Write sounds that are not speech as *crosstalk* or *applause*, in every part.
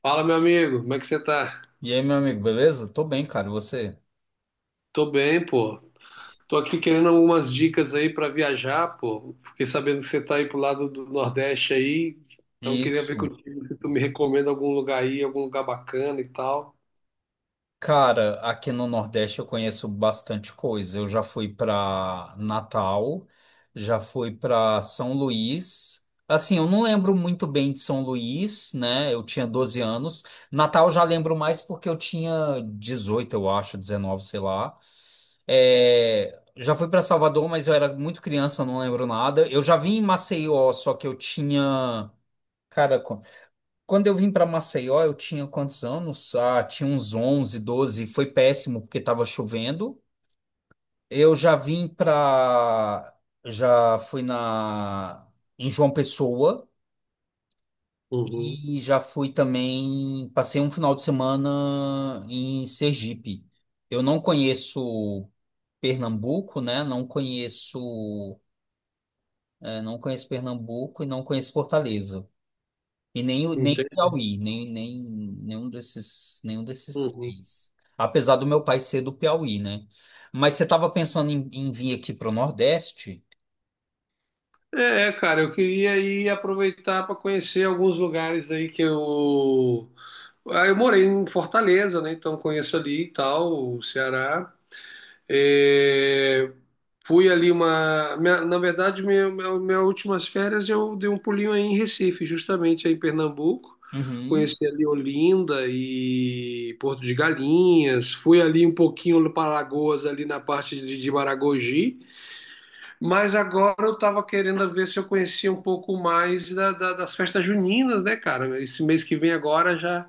Fala, meu amigo, como é que você tá? E aí, meu amigo, beleza? Tô bem, cara. E você? Tô bem, pô. Tô aqui querendo algumas dicas aí pra viajar, pô. Fiquei sabendo que você tá aí pro lado do Nordeste aí, então queria ver Isso. contigo se tu me recomenda algum lugar aí, algum lugar bacana e tal. Cara, aqui no Nordeste eu conheço bastante coisa. Eu já fui pra Natal, já fui pra São Luís. Assim, eu não lembro muito bem de São Luís, né? Eu tinha 12 anos. Natal eu já lembro mais porque eu tinha 18, eu acho, 19, sei lá. É, já fui para Salvador, mas eu era muito criança, eu não lembro nada. Eu já vim em Maceió, só que eu tinha. Cara, quando eu vim para Maceió, eu tinha quantos anos? Ah, tinha uns 11, 12. Foi péssimo porque estava chovendo. Eu já vim para. Já fui na. Em João Pessoa Uhum. e já fui também. Passei um final de semana em Sergipe. Eu não conheço Pernambuco, né? Não conheço. Não conheço Pernambuco e não conheço Fortaleza. E nem, nem o Entendi. Piauí, nem, nem, nenhum desses Uhum. três. Apesar do meu pai ser do Piauí, né? Mas você estava pensando em vir aqui para o Nordeste? É, cara, eu queria aí aproveitar para conhecer alguns lugares aí que eu. Ah, eu morei em Fortaleza, né? Então conheço ali e tal, o Ceará. É, fui ali uma. Na verdade, minhas últimas férias eu dei um pulinho aí em Recife, justamente aí em Pernambuco. Uhum. Conheci ali Olinda e Porto de Galinhas. Fui ali um pouquinho para Alagoas, ali na parte de Maragogi. Mas agora eu estava querendo ver se eu conhecia um pouco mais das festas juninas, né, cara? Esse mês que vem agora já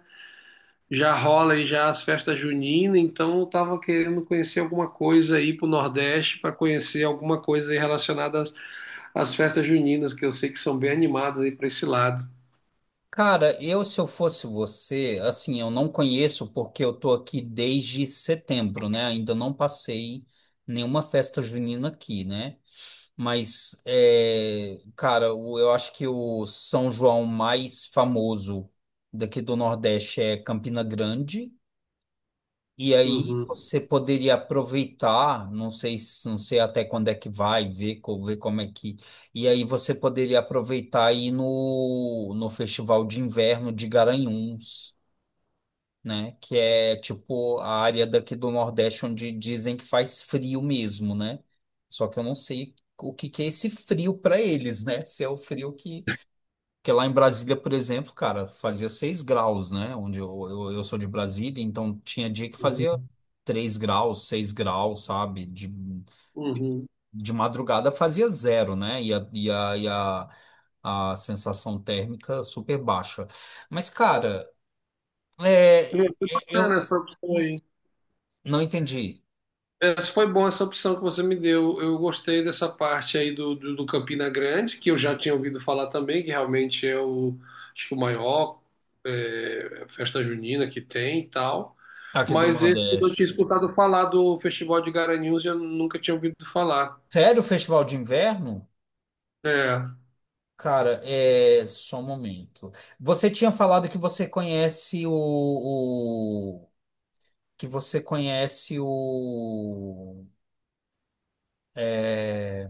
já rola aí já as festas juninas, então eu tava querendo conhecer alguma coisa aí pro Nordeste para conhecer alguma coisa aí relacionada às festas juninas, que eu sei que são bem animadas aí para esse lado. Cara, se eu fosse você, assim, eu não conheço porque eu tô aqui desde setembro, né? Ainda não passei nenhuma festa junina aqui, né? Mas, é, cara, eu acho que o São João mais famoso daqui do Nordeste é Campina Grande. E aí Uhum. você poderia aproveitar, não sei, não sei até quando é que vai, ver, ver como é que. E aí você poderia aproveitar e ir no Festival de Inverno de Garanhuns, né? Que é tipo a área daqui do Nordeste onde dizem que faz frio mesmo, né? Só que eu não sei o que que é esse frio para eles, né? Se é o frio que porque lá em Brasília, por exemplo, cara, fazia 6 graus, né? Onde eu sou de Brasília, então tinha dia que fazia Uhum. 3 graus, 6 graus, sabe? De, Uhum. de madrugada fazia 0, né? A sensação térmica super baixa. Mas, cara, é, é, Foi é, eu bacana essa opção aí. não entendi Essa foi boa essa opção que você me deu. Eu gostei dessa parte aí do Campina Grande, que eu já tinha ouvido falar também, que realmente é o, acho que o maior é, festa junina que tem e tal. aqui do Mas esse eu não Nordeste. tinha escutado falar do Festival de Garanhuns e eu nunca tinha ouvido falar. Sério, o festival de inverno? É, Cara, é só um momento. Você tinha falado que você conhece o, que você conhece o. é,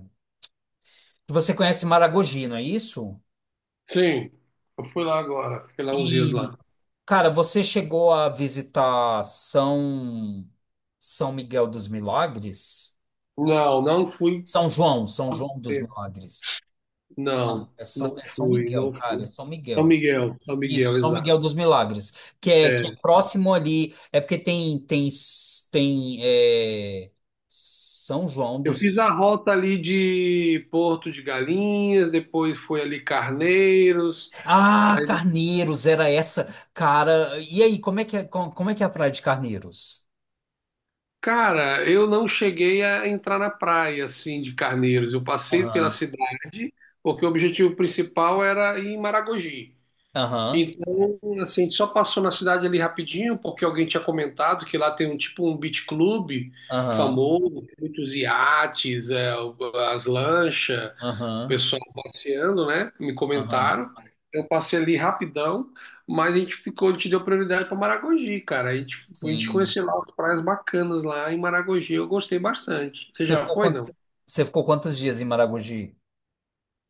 que você conhece Maragogi, não é isso? sim, eu fui lá agora, fiquei lá uns dias E, lá. cara, você chegou a visitar São Miguel dos Milagres? Não, não fui. São João dos Milagres. Não, Não, é não São, é São fui, Miguel, não cara, é fui. São São Miguel. Miguel, São Isso, Miguel, São exato. Miguel dos Milagres, que é É. próximo ali, é porque tem, tem, é, São João Eu fiz dos. a rota ali de Porto de Galinhas, depois foi ali Carneiros. Ah, Aí, Carneiros, era essa. Cara, e aí, como é que é, como, é que é a Praia de Carneiros? cara, eu não cheguei a entrar na praia assim de Carneiros. Eu passei pela Aham, cidade, porque o objetivo principal era ir em Maragogi. aham, Então, assim, a gente só passou na cidade ali rapidinho, porque alguém tinha comentado que lá tem um tipo um beach club aham, famoso, tem muitos iates, é, as lanchas. O aham, pessoal passeando, né? Me aham. comentaram. Eu passei ali rapidão, mas a gente ficou, a gente deu prioridade para Maragogi, cara. A gente Sim. conheceu lá as praias bacanas lá em Maragogi, eu gostei bastante. Você Você já ficou foi, quant... não? Você ficou quantos dias em Maragogi?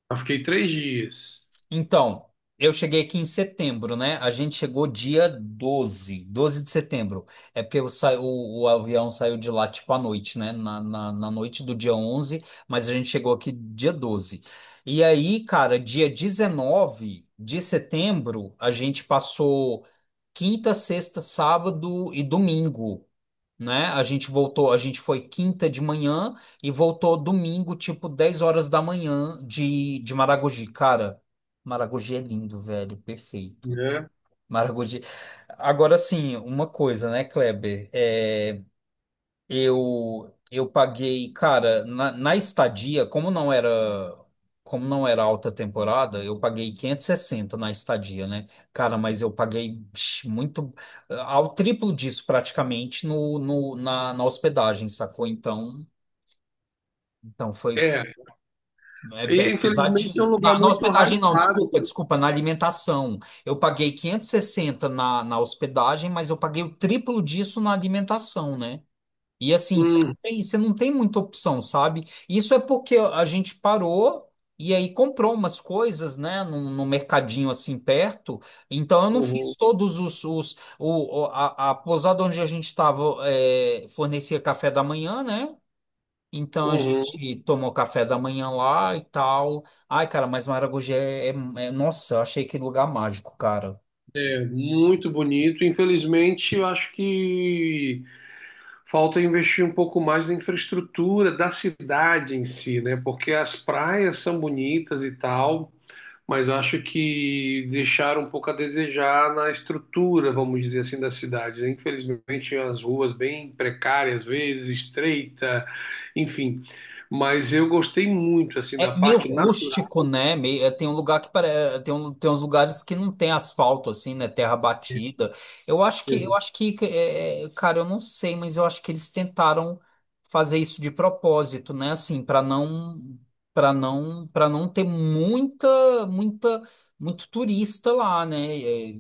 Eu fiquei 3 dias, Então, eu cheguei aqui em setembro, né? A gente chegou dia doze de setembro. É porque o avião saiu de lá tipo à noite, né? Na noite do dia 11, mas a gente chegou aqui dia 12. E aí, cara, dia 19 de setembro, a gente passou quinta, sexta, sábado e domingo, né? A gente voltou, a gente foi quinta de manhã e voltou domingo, tipo 10 horas da manhã de Maragogi. Cara, Maragogi é lindo, velho, perfeito. né? Maragogi. Agora sim, uma coisa, né, Kleber? Eu paguei, cara, na estadia, como não era alta temporada, eu paguei 560 na estadia, né? Cara, mas eu paguei muito ao triplo disso praticamente no, no na, na hospedagem, sacou? Então foi. É, É, é e infelizmente é um pesadinho. lugar Na muito hospedagem, não, desculpa, hypado. desculpa, na alimentação. Eu paguei 560 na hospedagem, mas eu paguei o triplo disso na alimentação, né? E assim, Hum, você não tem muita opção, sabe? Isso é porque a gente parou e aí comprou umas coisas, né, num mercadinho assim perto. Então eu não uhum, fiz todos os o, a pousada onde a gente estava fornecia café da manhã, né? Então a uhum. gente tomou café da manhã lá e tal. Ai, cara, mas Maragogi é, nossa, eu achei que lugar mágico, cara. É muito bonito. Infelizmente, eu acho que falta investir um pouco mais na infraestrutura da cidade em si, né? Porque as praias são bonitas e tal, mas acho que deixaram um pouco a desejar na estrutura, vamos dizer assim, da cidade, né? Infelizmente, as ruas bem precárias, às vezes estreita, enfim. Mas eu gostei muito assim da É meio parte natural, rústico, né? Meio, tem um lugar que tem uns lugares que não tem asfalto assim, né? Terra batida. Eu acho que é, cara, eu não sei, mas eu acho que eles tentaram fazer isso de propósito, né? Assim, para não ter muita muita muito turista lá, né? É,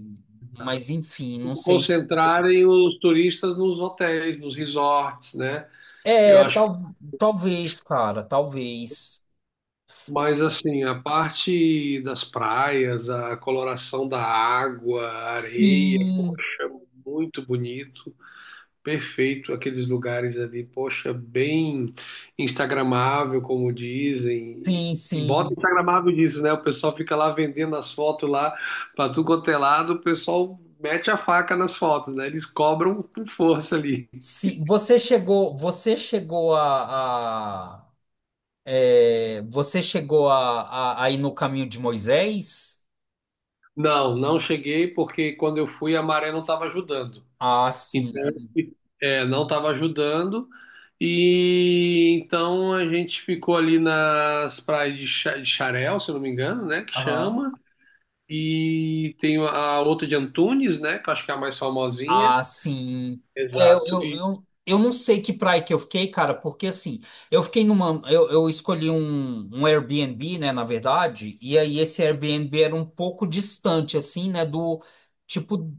mas enfim, não sei. concentrarem os turistas nos hotéis, nos resorts, né? Eu É, acho. tal, talvez, cara, talvez. Mas assim, a parte das praias, a coloração da água, a areia, Sim, poxa, muito bonito, perfeito aqueles lugares ali, poxa, bem instagramável, como dizem. sim, E bota sim. instagramável disso, né? O pessoal fica lá vendendo as fotos lá para tudo quanto é lado, o pessoal mete a faca nas fotos, né? Eles cobram com força ali. Sim, você chegou a ir no caminho de Moisés? Não, não cheguei porque quando eu fui a maré não estava ajudando. Ah, sim. Então, é, não estava ajudando. E então a gente ficou ali nas praias de Xarel, se eu não me engano, né? Que Aham. chama. E tem a outra de Antunes, né? Que eu acho que é a mais famosinha. Ah, sim. É, eu, Exato. eu, E eu, eu não sei que praia que eu fiquei, cara, porque assim, eu fiquei numa, eu escolhi um Airbnb, né, na verdade, e aí esse Airbnb era um pouco distante, assim, né, do tipo.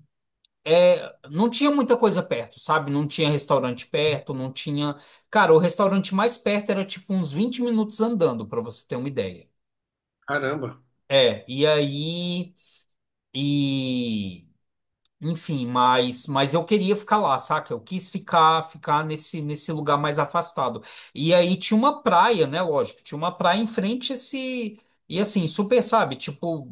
É, não tinha muita coisa perto, sabe? Não tinha restaurante perto, não tinha. Cara, o restaurante mais perto era tipo uns 20 minutos andando, pra você ter uma ideia. caramba, É, e aí. E. Enfim, mas eu queria ficar lá, saca? Eu quis ficar nesse lugar mais afastado. E aí tinha uma praia, né? Lógico, tinha uma praia em frente a esse. E assim, super, sabe? Tipo,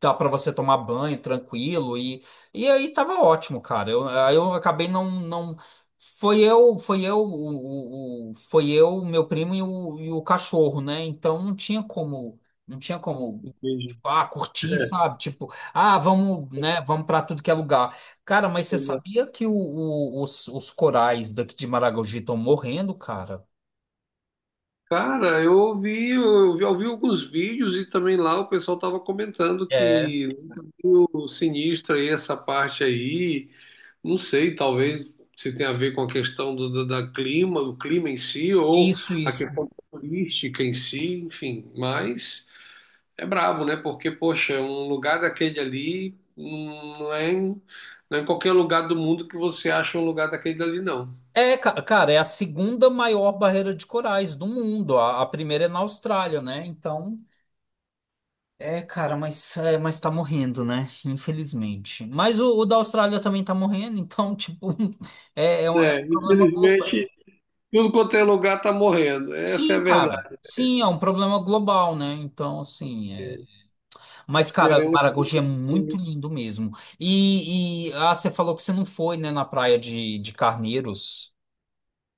dá para você tomar banho tranquilo. E aí tava ótimo, cara. Aí eu acabei não, não. Foi eu, meu primo e e o cachorro, né? Então não tinha como entendi. Curtir, É, sabe? Tipo, vamos, né, vamos para tudo que é lugar. Cara, mas você exato. sabia que os corais daqui de Maragogi estão morrendo, cara? Cara, eu ouvi, eu vi alguns vídeos e também lá o pessoal tava comentando É. que o sinistro aí, essa parte aí. Não sei, talvez se tenha a ver com a questão da clima, do clima em si, ou Isso, a isso. questão turística em si, enfim. Mas é brabo, né? Porque, poxa, um lugar daquele ali não é em qualquer lugar do mundo que você acha um lugar daquele ali, não. É, cara, é a segunda maior barreira de corais do mundo. A primeira é na Austrália, né? Então, é, cara, mas tá morrendo, né? Infelizmente. Mas o da Austrália também tá morrendo, então, tipo, *laughs* é, é um É, problema global. infelizmente, tudo quanto é lugar tá morrendo. Essa é a Sim, cara. verdade. Sim, é um problema global, né? Então, assim. Mas, cara, Esperemos. Maragogi é muito lindo mesmo. Você falou que você não foi, né, na praia de Carneiros.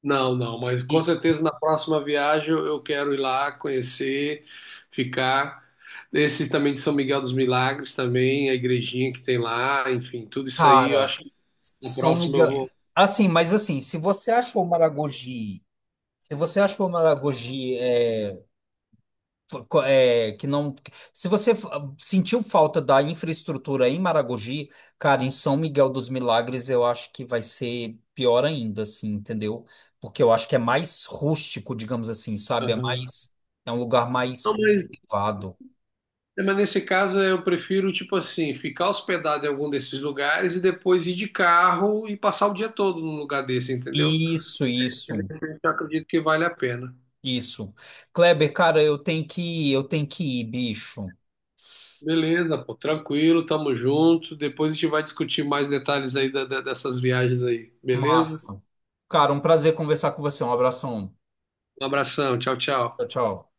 Não, não, mas com E, certeza na próxima viagem eu quero ir lá conhecer, ficar. Esse também de São Miguel dos Milagres também, a igrejinha que tem lá, enfim, tudo isso aí eu cara, acho que na São próxima eu Miguel. vou. Assim, mas assim, se você achou Maragogi. Que não. Se você sentiu falta da infraestrutura em Maragogi, cara, em São Miguel dos Milagres eu acho que vai ser pior ainda, assim, entendeu? Porque eu acho que é mais rústico, digamos assim, sabe? Aham. É um lugar Não, mais privado. mas nesse caso eu prefiro, tipo assim, ficar hospedado em algum desses lugares e depois ir de carro e passar o dia todo num lugar desse, entendeu? Isso, Eu isso, acredito que vale a pena. isso. Kleber, cara, eu tenho que ir, bicho. Beleza, pô, tranquilo, tamo junto. Depois a gente vai discutir mais detalhes aí dessas viagens aí, beleza? Massa. Cara, um prazer conversar com você. Um abração. Um abração, tchau, tchau. Tchau, tchau.